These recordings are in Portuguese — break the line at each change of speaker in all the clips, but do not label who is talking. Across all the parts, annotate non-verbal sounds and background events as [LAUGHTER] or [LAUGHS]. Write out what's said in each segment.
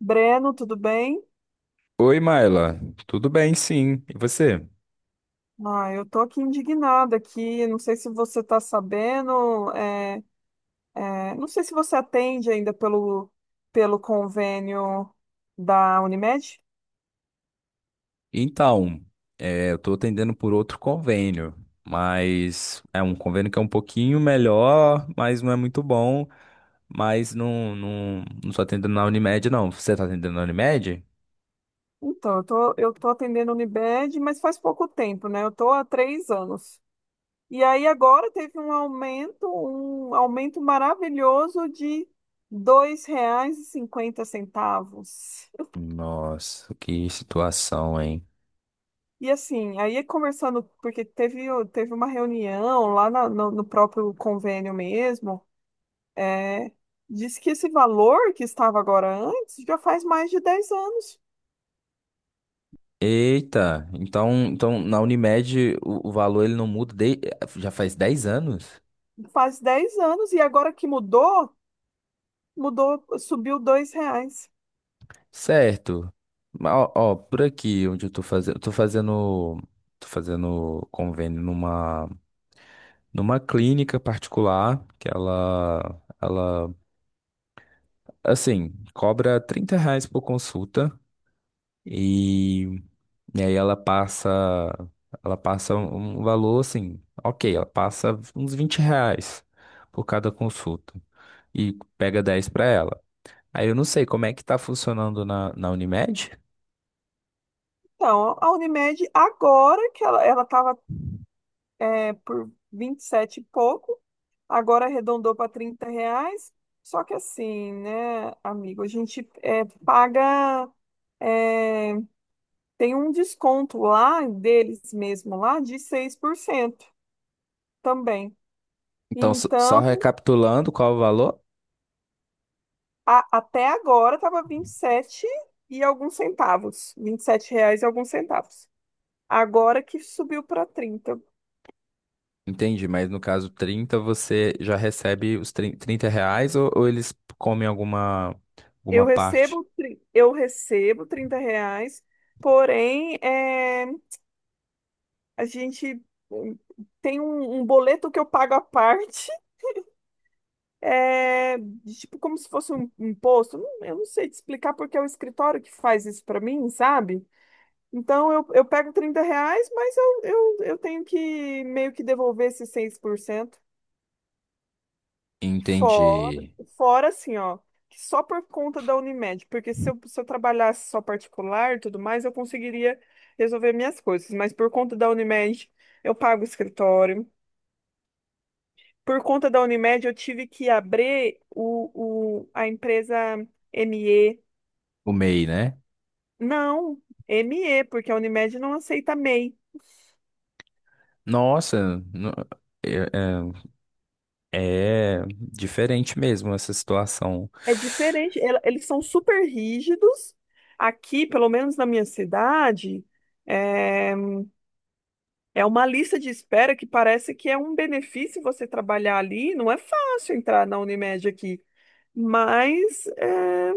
Breno, tudo bem?
Oi, Maila. Tudo bem, sim. E você?
Ah, eu tô aqui indignada aqui, não sei se você tá sabendo, não sei se você atende ainda pelo convênio da Unimed.
Então, eu estou atendendo por outro convênio, mas é um convênio que é um pouquinho melhor, mas não é muito bom. Mas não estou atendendo na Unimed, não. Você está atendendo na Unimed?
Então, eu tô atendendo a Unimed, mas faz pouco tempo, né? Eu tô há 3 anos. E aí agora teve um aumento maravilhoso de R$ 2,50.
Nossa, que situação, hein?
E assim, aí conversando, porque teve uma reunião lá no próprio convênio mesmo, é, disse que esse valor que estava agora antes já faz mais de 10 anos.
Eita, então na Unimed o valor ele não muda de- já faz 10 anos?
Faz 10 anos, e agora que mudou, subiu R$ 2.
Certo. Mas, ó, ó, por aqui onde eu tô fazendo convênio numa numa clínica particular que ela assim, cobra 30 reais por consulta e, e aí ela passa um valor assim, OK, ela passa uns 20 reais por cada consulta e pega 10 para ela. Aí eu não sei como é que tá funcionando na Unimed.
Então, a Unimed, agora que ela estava por 27 e pouco, agora arredondou para R$ 30. Só que assim, né, amigo, a gente paga. é, Tem um desconto lá deles mesmo lá de 6% também.
Então, só
Então,
recapitulando qual o valor?
até agora estava 27 e alguns centavos, R$ 27 e alguns centavos. Agora que subiu para 30.
Entendi, mas no caso 30, você já recebe os 30 reais ou eles comem alguma
Eu
parte?
recebo, eu recebo R$ 30, porém, a gente hum, tem um boleto que eu pago à [LAUGHS] parte de tipo como se fosse um imposto. Eu não sei te explicar porque é o escritório que faz isso para mim, sabe? Então eu pego R$ 30, mas eu tenho que meio que devolver esses 6%. Fora,
Entendi.
Fora assim, ó, que só por conta da Unimed, porque se eu trabalhasse só particular e tudo mais, eu conseguiria resolver minhas coisas, mas por conta da Unimed, eu pago o escritório. Por conta da Unimed, eu tive que abrir a empresa ME.
O MEI, né?
Não, ME, porque a Unimed não aceita MEI.
Nossa, no- é, é diferente mesmo essa situação.
É diferente, eles são super rígidos. Aqui, pelo menos na minha cidade, é, é uma lista de espera que parece que é um benefício você trabalhar ali. Não é fácil entrar na Unimed aqui, mas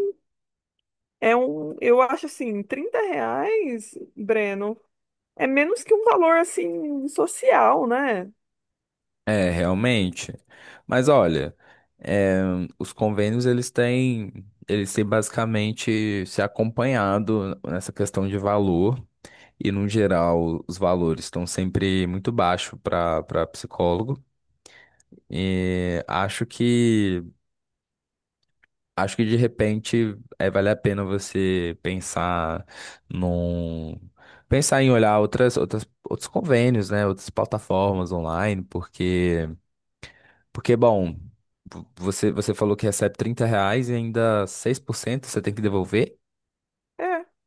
é um, eu acho assim, R$ 30, Breno, é menos que um valor assim social, né?
É, realmente. Mas olha, é, os convênios eles têm basicamente se acompanhado nessa questão de valor. E, no geral, os valores estão sempre muito baixo para para psicólogo. E acho que de repente vale a pena você pensar num pensar em olhar outras, outros convênios, né? Outras plataformas online, porque porque bom, você falou que recebe 30 reais e ainda 6% você tem que devolver.
É,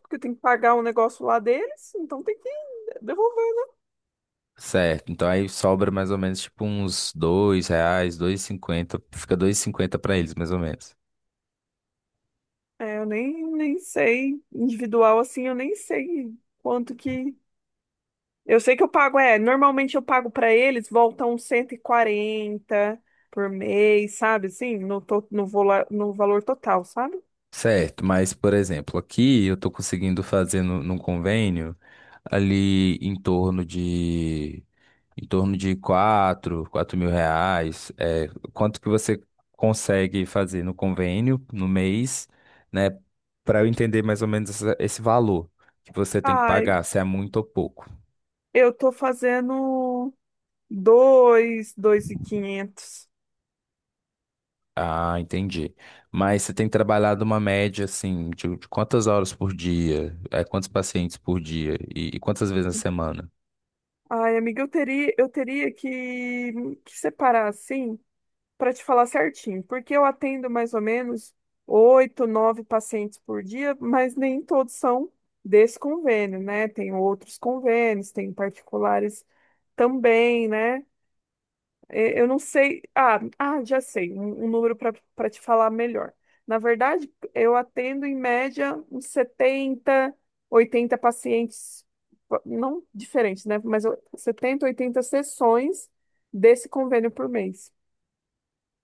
porque tem que pagar o negócio lá deles, então tem que devolver.
Certo, então aí sobra mais ou menos tipo uns dois reais, dois e cinquenta, fica dois e cinquenta para eles mais ou menos.
É, eu nem sei, individual assim, eu nem sei quanto que. Eu sei que eu pago, normalmente eu pago pra eles, volta uns 140 por mês, sabe? Assim, no, to... no, vola... no valor total, sabe?
Certo, mas por exemplo, aqui eu tô conseguindo fazer no, num convênio ali em torno de quatro, quatro mil reais. É, quanto que você consegue fazer no convênio no mês, né? Para eu entender mais ou menos essa- esse valor que você tem que
Ai,
pagar, se é muito ou pouco.
eu tô fazendo 2.500.
Ah, entendi. Mas você tem trabalhado uma média, assim, de quantas horas por dia? É, quantos pacientes por dia? E quantas vezes na semana?
Ai, amiga, eu teria que separar assim para te falar certinho, porque eu atendo mais ou menos oito, nove pacientes por dia, mas nem todos são desse convênio, né? Tem outros convênios, tem particulares também, né? Eu não sei. Já sei, um número para te falar melhor. Na verdade, eu atendo em média uns 70, 80 pacientes, não diferentes, né? 70, 80 sessões desse convênio por mês.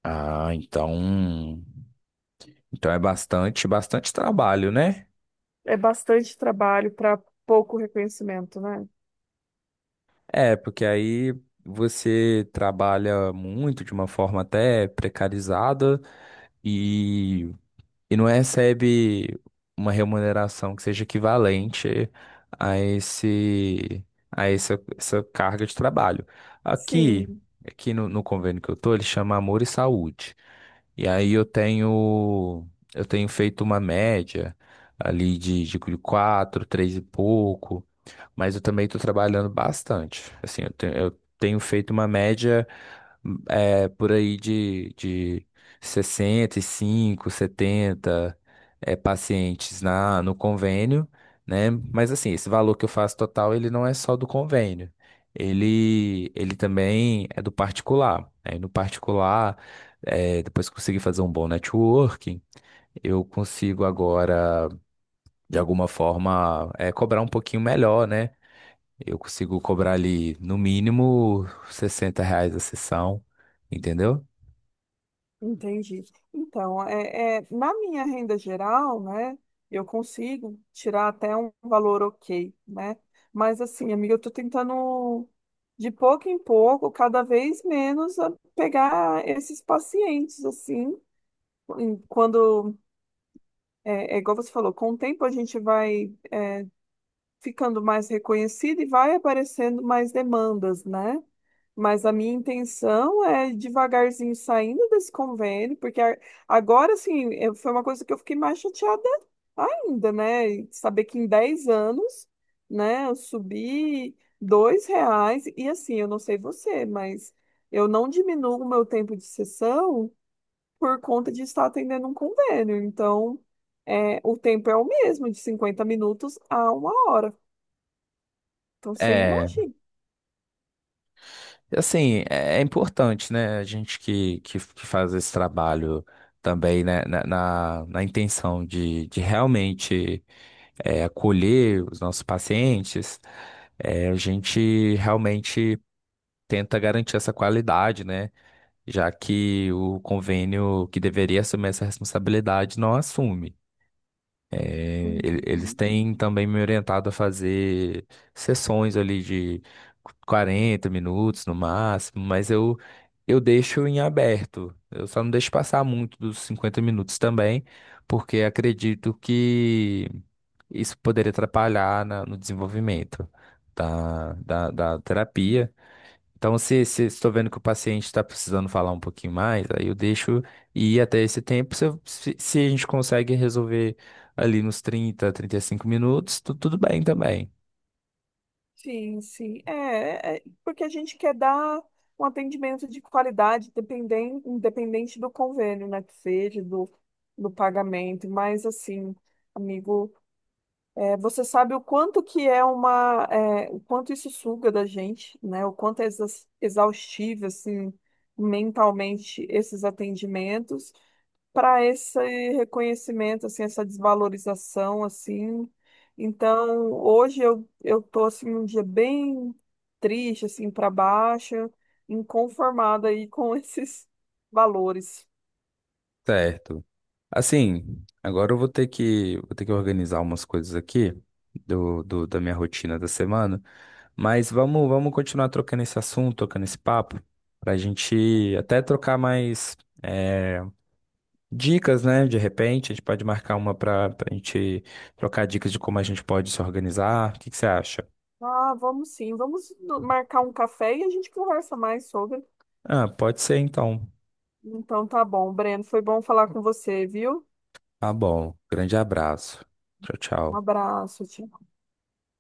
Ah, então. Então é bastante, bastante trabalho, né?
É bastante trabalho para pouco reconhecimento, né?
É, porque aí você trabalha muito de uma forma até precarizada. E e não recebe uma remuneração que seja equivalente a esse a essa, essa carga de trabalho. Aqui,
Sim,
aqui no convênio que eu tô, ele chama Amor e Saúde. E aí eu tenho feito uma média ali de quatro, três e pouco, mas eu também estou trabalhando bastante. Assim, eu tenho feito uma média é, por aí de 65, 70 é, pacientes no convênio, né? Mas assim, esse valor que eu faço total, ele não é só do convênio. Ele também é do particular. Aí no particular, é, depois que consegui fazer um bom networking, eu consigo agora, de alguma forma, é, cobrar um pouquinho melhor, né? Eu consigo cobrar ali, no mínimo, 60 reais a sessão, entendeu?
entendi. Então, na minha renda geral, né, eu consigo tirar até um valor ok, né? Mas assim, amiga, eu tô tentando de pouco em pouco, cada vez menos, pegar esses pacientes, assim, quando, é igual você falou, com o tempo a gente vai ficando mais reconhecida e vai aparecendo mais demandas, né? Mas a minha intenção é ir devagarzinho saindo desse convênio, porque agora, assim, foi uma coisa que eu fiquei mais chateada ainda, né? E saber que em 10 anos, né, eu subi R$ 2 e assim, eu não sei você, mas eu não diminuo o meu tempo de sessão por conta de estar atendendo um convênio. Então, o tempo é o mesmo, de 50 minutos a uma hora. Então você
É,
imagina.
assim, é importante, né? A gente que faz esse trabalho também, né? Na intenção de realmente é, acolher os nossos pacientes, é, a gente realmente tenta garantir essa qualidade, né? Já que o convênio que deveria assumir essa responsabilidade não assume. É, ele- eles
Uhum.
têm também me orientado a fazer sessões ali de 40 minutos no máximo, mas eu deixo em aberto. Eu só não deixo passar muito dos 50 minutos também, porque acredito que isso poderia atrapalhar na- no desenvolvimento da terapia. Então, se estou vendo que o paciente está precisando falar um pouquinho mais, aí eu deixo ir até esse tempo. Se, eu- se a gente consegue resolver ali nos trinta, trinta e cinco minutos, tu- tudo bem também.
Sim, sim. Porque a gente quer dar um atendimento de qualidade, independente do convênio, né, que seja, do pagamento. Mas, assim, amigo, você sabe o quanto que é uma. O quanto isso suga da gente, né? O quanto é exaustivo, assim, mentalmente, esses atendimentos para esse reconhecimento, assim, essa desvalorização, assim. Então, hoje eu tô assim um dia bem triste, assim, para baixo, inconformada aí com [LAUGHS] esses valores.
Certo. Assim, agora eu vou ter vou ter que organizar umas coisas aqui do, do- da minha rotina da semana, mas vamos, vamos continuar trocando esse assunto, trocando esse papo, para a gente até trocar mais. Dicas, né? De repente, a gente pode marcar uma para a gente trocar dicas de como a gente pode se organizar. O que que você acha?
Ah, vamos sim, vamos no- marcar um café e a gente conversa mais sobre.
Ah, pode ser então.
Então tá bom, Breno, foi bom falar com você, viu?
Tá bom. Grande abraço. Tchau,
Um
tchau.
abraço, tchau.